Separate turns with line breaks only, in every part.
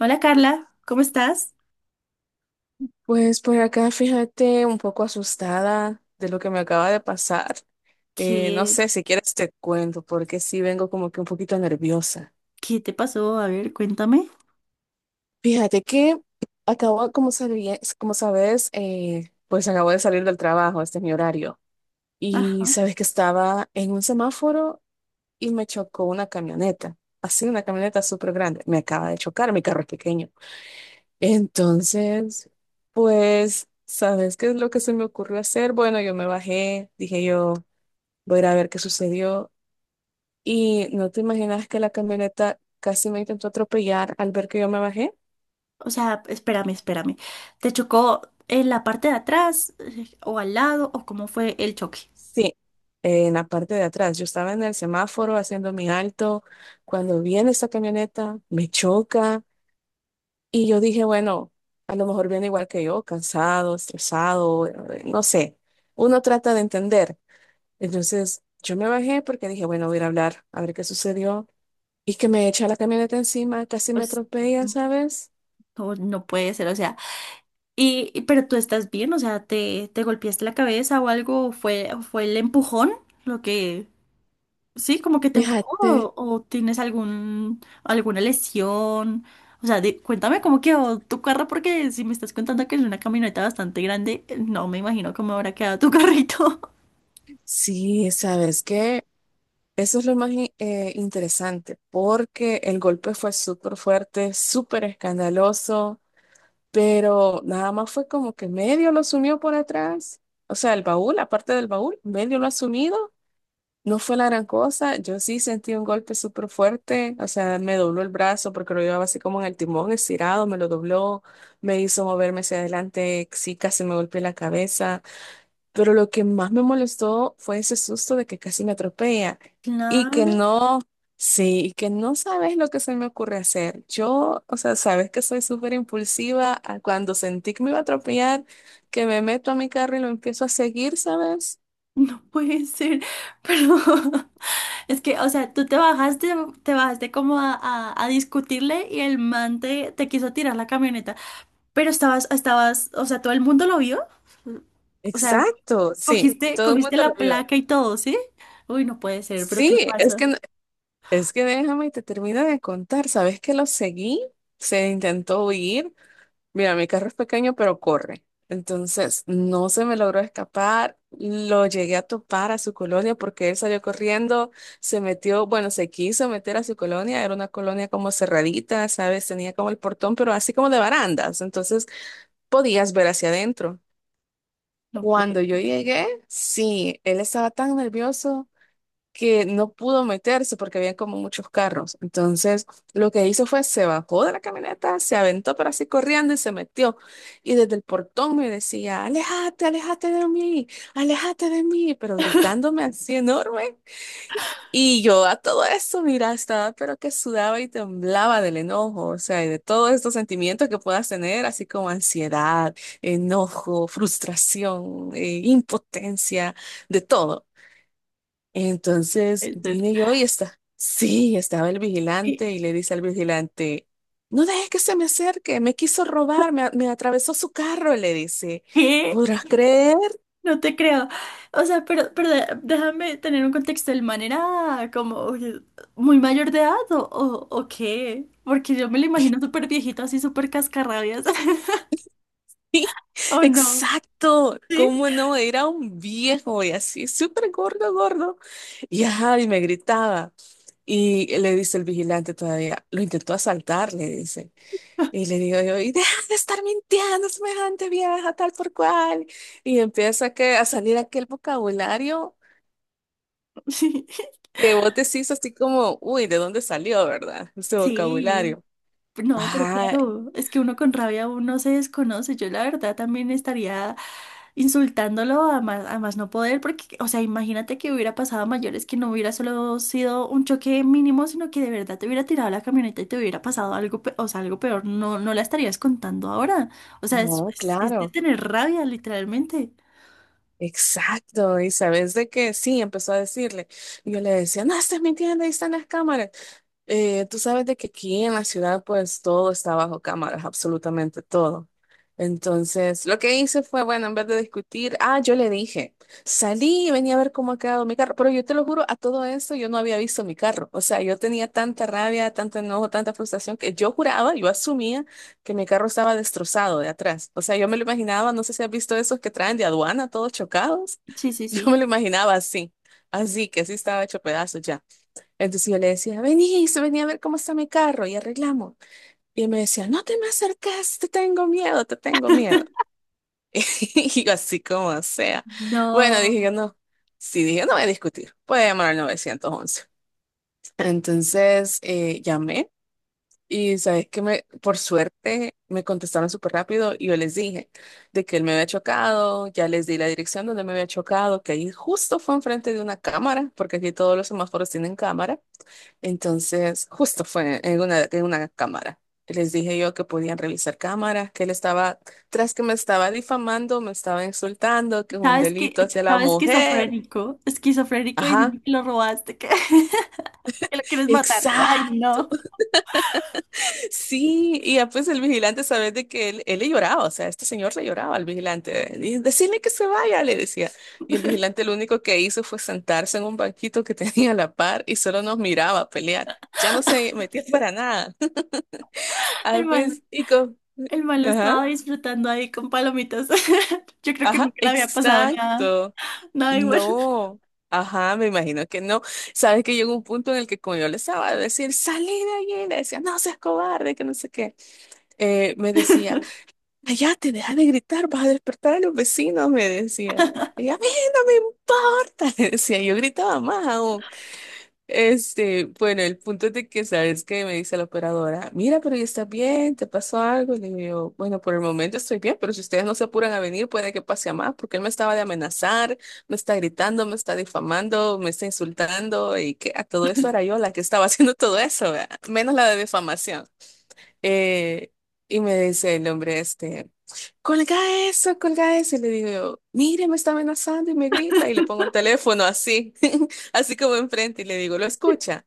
Hola Carla, ¿cómo estás?
Pues por acá, fíjate, un poco asustada de lo que me acaba de pasar. No
¿Qué,
sé si quieres te cuento, porque sí vengo como que un poquito nerviosa.
qué te pasó? A ver, cuéntame.
Fíjate que como sabes, pues acabo de salir del trabajo, este es mi horario. Y
Ajá.
sabes que estaba en un semáforo y me chocó una camioneta, así una camioneta súper grande. Me acaba de chocar, mi carro es pequeño. Entonces, pues, ¿sabes qué es lo que se me ocurrió hacer? Bueno, yo me bajé, dije yo, voy a ir a ver qué sucedió. Y no te imaginas que la camioneta casi me intentó atropellar al ver que yo me bajé.
O sea, espérame, espérame. ¿Te chocó en la parte de atrás o al lado o cómo fue el choque?
Sí, en la parte de atrás. Yo estaba en el semáforo haciendo mi alto. Cuando viene esta camioneta, me choca. Y yo dije, bueno, a lo mejor viene igual que yo, cansado, estresado, no sé. Uno trata de entender. Entonces yo me bajé porque dije, bueno, voy a ir a hablar, a ver qué sucedió. Y que me echa la camioneta encima, casi
O
me atropella, ¿sabes?
no, no puede ser, o sea. Pero tú estás bien, o sea, ¿te, te golpeaste la cabeza o algo? ¿Fue, fue el empujón lo que sí, como que te
Fíjate,
empujó o tienes algún, alguna lesión? O sea, cuéntame cómo quedó tu carro, porque si me estás contando que es una camioneta bastante grande, no me imagino cómo habrá quedado tu carrito.
sí, ¿sabes qué? Eso es lo más interesante, porque el golpe fue súper fuerte, súper escandaloso, pero nada más fue como que medio lo sumió por atrás. O sea, el baúl, aparte del baúl, medio lo ha sumido. No fue la gran cosa, yo sí sentí un golpe súper fuerte, o sea, me dobló el brazo porque lo llevaba así como en el timón estirado, me lo dobló, me hizo moverme hacia adelante, sí, casi me golpeé la cabeza, pero lo que más me molestó fue ese susto de que casi me atropella y que
Claro,
no, sí, y que no sabes lo que se me ocurre hacer. Yo, o sea, sabes que soy súper impulsiva, a cuando sentí que me iba a atropellar, que me meto a mi carro y lo empiezo a seguir, ¿sabes?
no puede ser. Pero es que, o sea, tú te bajaste como a discutirle y el man te, te quiso tirar la camioneta. Pero estabas, estabas, o sea, todo el mundo lo vio. O sea,
Exacto, sí,
cogiste,
todo el
cogiste
mundo lo
la
vio.
placa y todo, ¿sí? Uy, no puede ser, pero ¿qué le
Sí, es
pasa?
que, no- es que déjame y te termino de contar. ¿Sabes que lo seguí? Se intentó huir. Mira, mi carro es pequeño, pero corre. Entonces, no se me logró escapar. Lo llegué a topar a su colonia porque él salió corriendo, se metió, bueno, se quiso meter a su colonia. Era una colonia como cerradita, ¿sabes? Tenía como el portón, pero así como de barandas. Entonces, podías ver hacia adentro.
No puede
Cuando yo llegué, sí, él estaba tan nervioso que no pudo meterse porque había como muchos carros. Entonces, lo que hizo fue se bajó de la camioneta, se aventó pero así corriendo y se metió. Y desde el portón me decía, aléjate, aléjate de mí, pero gritándome así enorme. Y yo a todo eso, mira, estaba pero que sudaba y temblaba del enojo, o sea, y de todos estos sentimientos que puedas tener, así como ansiedad, enojo, frustración, impotencia, de todo. Entonces
ser.
vine yo y está. Sí, estaba el
¿Qué?
vigilante y le dice al vigilante, no dejes que se me acerque, me quiso robar, me atravesó su carro, le dice.
¿Qué?
¿Podrás creer?
No te creo. O sea, pero déjame tener un contexto. ¿El man era como oye, muy mayor de edad o qué? Porque yo me lo imagino súper viejito, así súper cascarrabias.
Sí,
¿O no?
exacto,
¿Sí?
¿cómo no? Era un viejo y así, súper gordo, gordo. Y ajá, y me gritaba. Y le dice el vigilante todavía, lo intentó asaltar, le dice. Y le digo yo, y deja de estar mintiendo, semejante vieja, tal por cual. Y empieza que, a salir aquel vocabulario
Sí.
que vos decís así como, uy, ¿de dónde salió, verdad? Ese
Sí.
vocabulario.
No, pero
Ah,
claro, es que uno con rabia uno se desconoce. Yo la verdad también estaría insultándolo a más no poder, porque, o sea, imagínate que hubiera pasado a mayores, que no hubiera solo sido un choque mínimo, sino que de verdad te hubiera tirado la camioneta y te hubiera pasado algo, o sea, algo peor. No, no la estarías contando ahora. O sea,
no,
es de
claro,
tener rabia, literalmente.
exacto. Y sabes de que sí, empezó a decirle. Y yo le decía, no, estás mintiendo, ahí están las cámaras. Tú sabes de que aquí en la ciudad pues todo está bajo cámaras, absolutamente todo. Entonces, lo que hice fue, bueno, en vez de discutir, ah, yo le dije, salí y venía a ver cómo ha quedado mi carro, pero yo te lo juro, a todo esto yo no había visto mi carro. O sea, yo tenía tanta rabia, tanto enojo, tanta frustración que yo juraba, yo asumía que mi carro estaba destrozado de atrás. O sea, yo me lo imaginaba, no sé si has visto esos que traen de aduana todos chocados.
Sí, sí,
Yo me
sí.
lo imaginaba así, así que así estaba hecho pedazos ya. Entonces yo le decía, vení, se venía a ver cómo está mi carro y arreglamos. Y él me decía, no te me acercas, te tengo miedo, te tengo miedo. Y yo así como sea. Bueno,
No,
dije yo no. Sí, dije, no voy a discutir, voy a llamar al 911. Entonces llamé y sabes que me, por suerte me contestaron súper rápido y yo les dije de que él me había chocado, ya les di la dirección donde me había chocado, que ahí justo fue enfrente de una cámara, porque aquí todos los semáforos tienen cámara. Entonces, justo fue en una cámara. Les dije yo que podían revisar cámaras, que él estaba, tras que me estaba difamando, me estaba insultando, que es un
sabes que,
delito hacia la
sabes
mujer.
esquizofrénico, esquizofrénico
Ajá,
diciendo que lo robaste, que que lo quieres matar. Ay,
exacto,
no.
sí. Y ya pues el vigilante, sabes de que él le lloraba, o sea, este señor le lloraba al vigilante. Y decirle que se vaya, le decía. Y el vigilante lo único que hizo fue sentarse en un banquito que tenía a la par y solo nos miraba pelear. Ya no se metía para nada. Ah,
El mal,
pues, y co-
el mal lo
Ajá.
estaba disfrutando ahí con palomitas. Yo creo que
Ajá,
nunca le había pasado nada,
exacto.
nada igual.
No. Ajá, me imagino que no. Sabes que llegó un punto en el que como yo le estaba a decir, salí de allí, le decía, no seas cobarde, que no sé qué. Me decía, allá te deja de gritar, vas a despertar a los vecinos, me decía. Y a mí no me importa, le decía, yo gritaba más aún. Este, bueno, el punto es de que sabes que me dice la operadora, mira, pero ya está bien, te pasó algo. Y le digo, bueno, por el momento estoy bien, pero si ustedes no se apuran a venir, puede que pase a más, porque él me estaba de amenazar, me está gritando, me está difamando, me está insultando, y que a todo esto era yo la que estaba haciendo todo eso, ¿verdad? Menos la de difamación. Eh, y me dice el hombre este, colga eso, colga eso. Y le digo yo, mire, me está amenazando y me grita. Y le pongo el teléfono así, así como enfrente y le digo, lo escucha.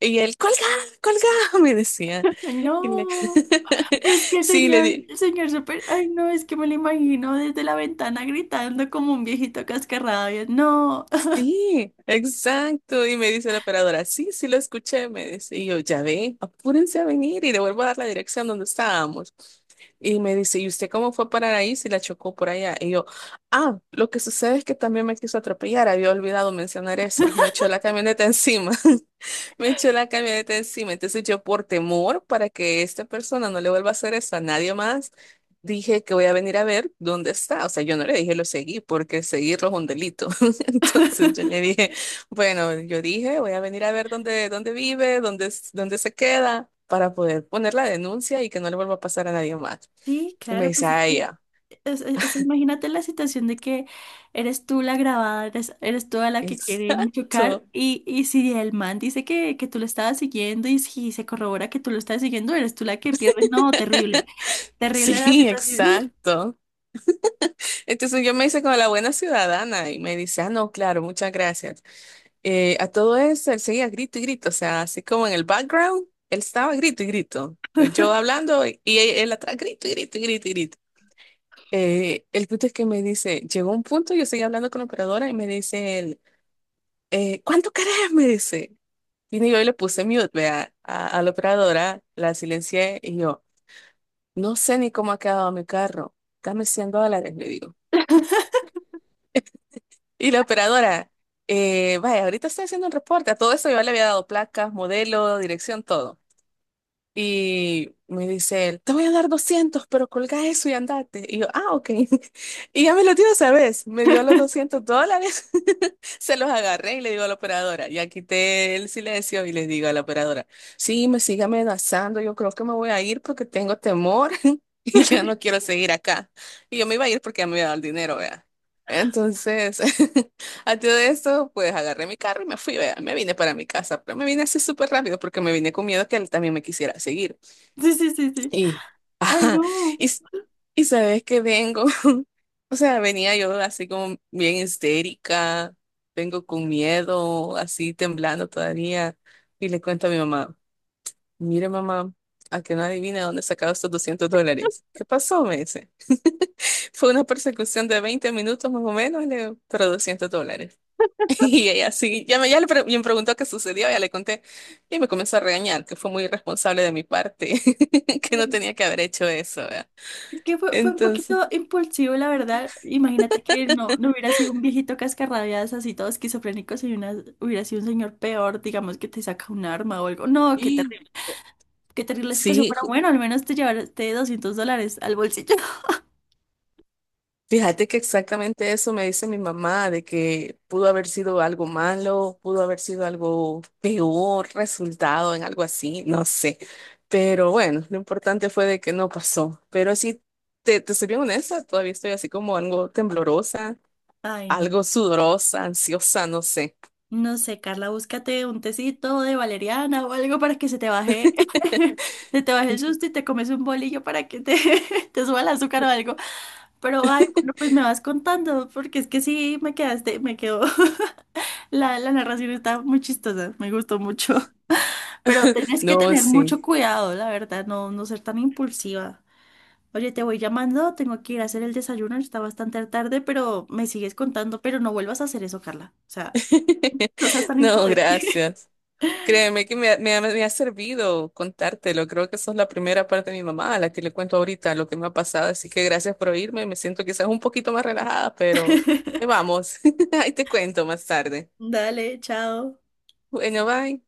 Y él, colga, colga, me decía.
Ay,
Y le-
no, pero es que
sí, le di.
el señor súper, ay, no, es que me lo imagino desde la ventana gritando como un viejito cascarrabia. No.
Sí, exacto. Y me dice la operadora, sí, sí lo escuché, me dice. Y yo, ya ve, apúrense a venir y le vuelvo a dar la dirección donde estábamos. Y me dice, ¿y usted cómo fue a parar ahí si la chocó por allá? Y yo, ah, lo que sucede es que también me quiso atropellar, había olvidado mencionar eso. Me echó la camioneta encima. Me echó la camioneta encima. Entonces yo por temor para que esta persona no le vuelva a hacer eso a nadie más, dije que voy a venir a ver dónde está. O sea, yo no le dije lo seguí porque seguirlo es un delito. Entonces yo le dije, bueno, yo dije, voy a venir a ver dónde, dónde vive, dónde, s- dónde se queda para poder poner la denuncia y que no le vuelva a pasar a nadie más.
Sí,
Y me
claro,
dice,
pues es
ah,
que,
ya,
imagínate la situación de que eres tú la grabada, eres, eres tú a la que quieren chocar
exacto.
y si el man dice que tú lo estabas siguiendo y si se corrobora que tú lo estabas siguiendo, eres tú la que pierde. No, terrible, terrible la
Sí,
situación.
exacto. Entonces yo me hice como la buena ciudadana y me dice, ah, no, claro, muchas gracias. A todo eso, él seguía grito y grito, o sea, así como en el background, él estaba grito y grito. Yo hablando y él, atrás grito y grito y grito y grito. El punto es que me dice, llegó un punto, yo seguía hablando con la operadora y me dice él, ¿cuánto querés? Me dice. Y yo le puse mute, vea, a la operadora, la silencié y yo, no sé ni cómo ha quedado mi carro, dame $100, le digo. Y la operadora, vaya, ahorita estoy haciendo un reporte, a todo eso yo le había dado placas, modelo, dirección, todo. Y me dice él, te voy a dar 200 pero colga eso y andate. Y yo, ah, ok. Y ya me lo dio esa vez. Me dio los $200. Se los agarré y le digo a la operadora. Ya quité el silencio y les digo a la operadora, sí, me sigue amenazando. Yo creo que me voy a ir porque tengo temor y ya no quiero seguir acá. Y yo me iba a ir porque ya me había dado el dinero, vea. Entonces, a todo esto, pues agarré mi carro y me fui, vea, me vine para mi casa, pero me vine así súper rápido porque me vine con miedo que él también me quisiera seguir.
Sí, sí, sí, sí.
Y,
Ay,
ajá,
no.
y, s- y sabes que vengo, o sea, venía yo así como bien histérica, vengo con miedo, así temblando todavía, y le cuento a mi mamá, mire mamá, a que no adivina dónde he sacado estos $200. ¿Qué pasó? Me dice. Fue una persecución de 20 minutos más o menos, le digo, pero $200. Y ella sí, ya me preguntó qué sucedió, ya le conté y me comenzó a regañar, que fue muy irresponsable de mi parte, que no tenía que haber hecho eso, ¿verdad?
Es que fue, fue un
Entonces,
poquito impulsivo, la verdad. Imagínate que no, no hubiera sido un viejito cascarrabias así todo esquizofrénico, hubiera sido un señor peor, digamos, que te saca un arma o algo. No, qué
sí,
terrible. Qué terrible la situación,
sí,
pero bueno, al menos te llevaste $200 al bolsillo.
fíjate que exactamente eso me dice mi mamá, de que pudo haber sido algo malo, pudo haber sido algo peor, resultado en algo así, no sé. Pero bueno, lo importante fue de que no pasó. Pero sí, te soy bien honesta, todavía estoy así como algo temblorosa
Ay, no.
algo sudorosa, ansiosa, no sé.
No sé, Carla, búscate un tecito de valeriana o algo para que se te baje, se te baje el susto, y te comes un bolillo para que te, te suba el azúcar o algo. Pero, ay, bueno, pues me vas contando, porque es que sí, me quedaste, me quedó. La narración está muy chistosa, me gustó mucho. Pero tenés que
No,
tener
sí.
mucho cuidado, la verdad, no, no ser tan impulsiva. Oye, te voy llamando, tengo que ir a hacer el desayuno, está bastante tarde, pero me sigues contando, pero no vuelvas a hacer eso, Carla. O sea, no seas tan
No,
imprudente.
gracias. Créeme que me ha servido contártelo. Creo que sos la primera parte de mi mamá a la que le cuento ahorita lo que me ha pasado. Así que gracias por oírme. Me siento quizás un poquito más relajada, pero ahí vamos. Ahí te cuento más tarde.
Dale, chao.
Bueno, bye.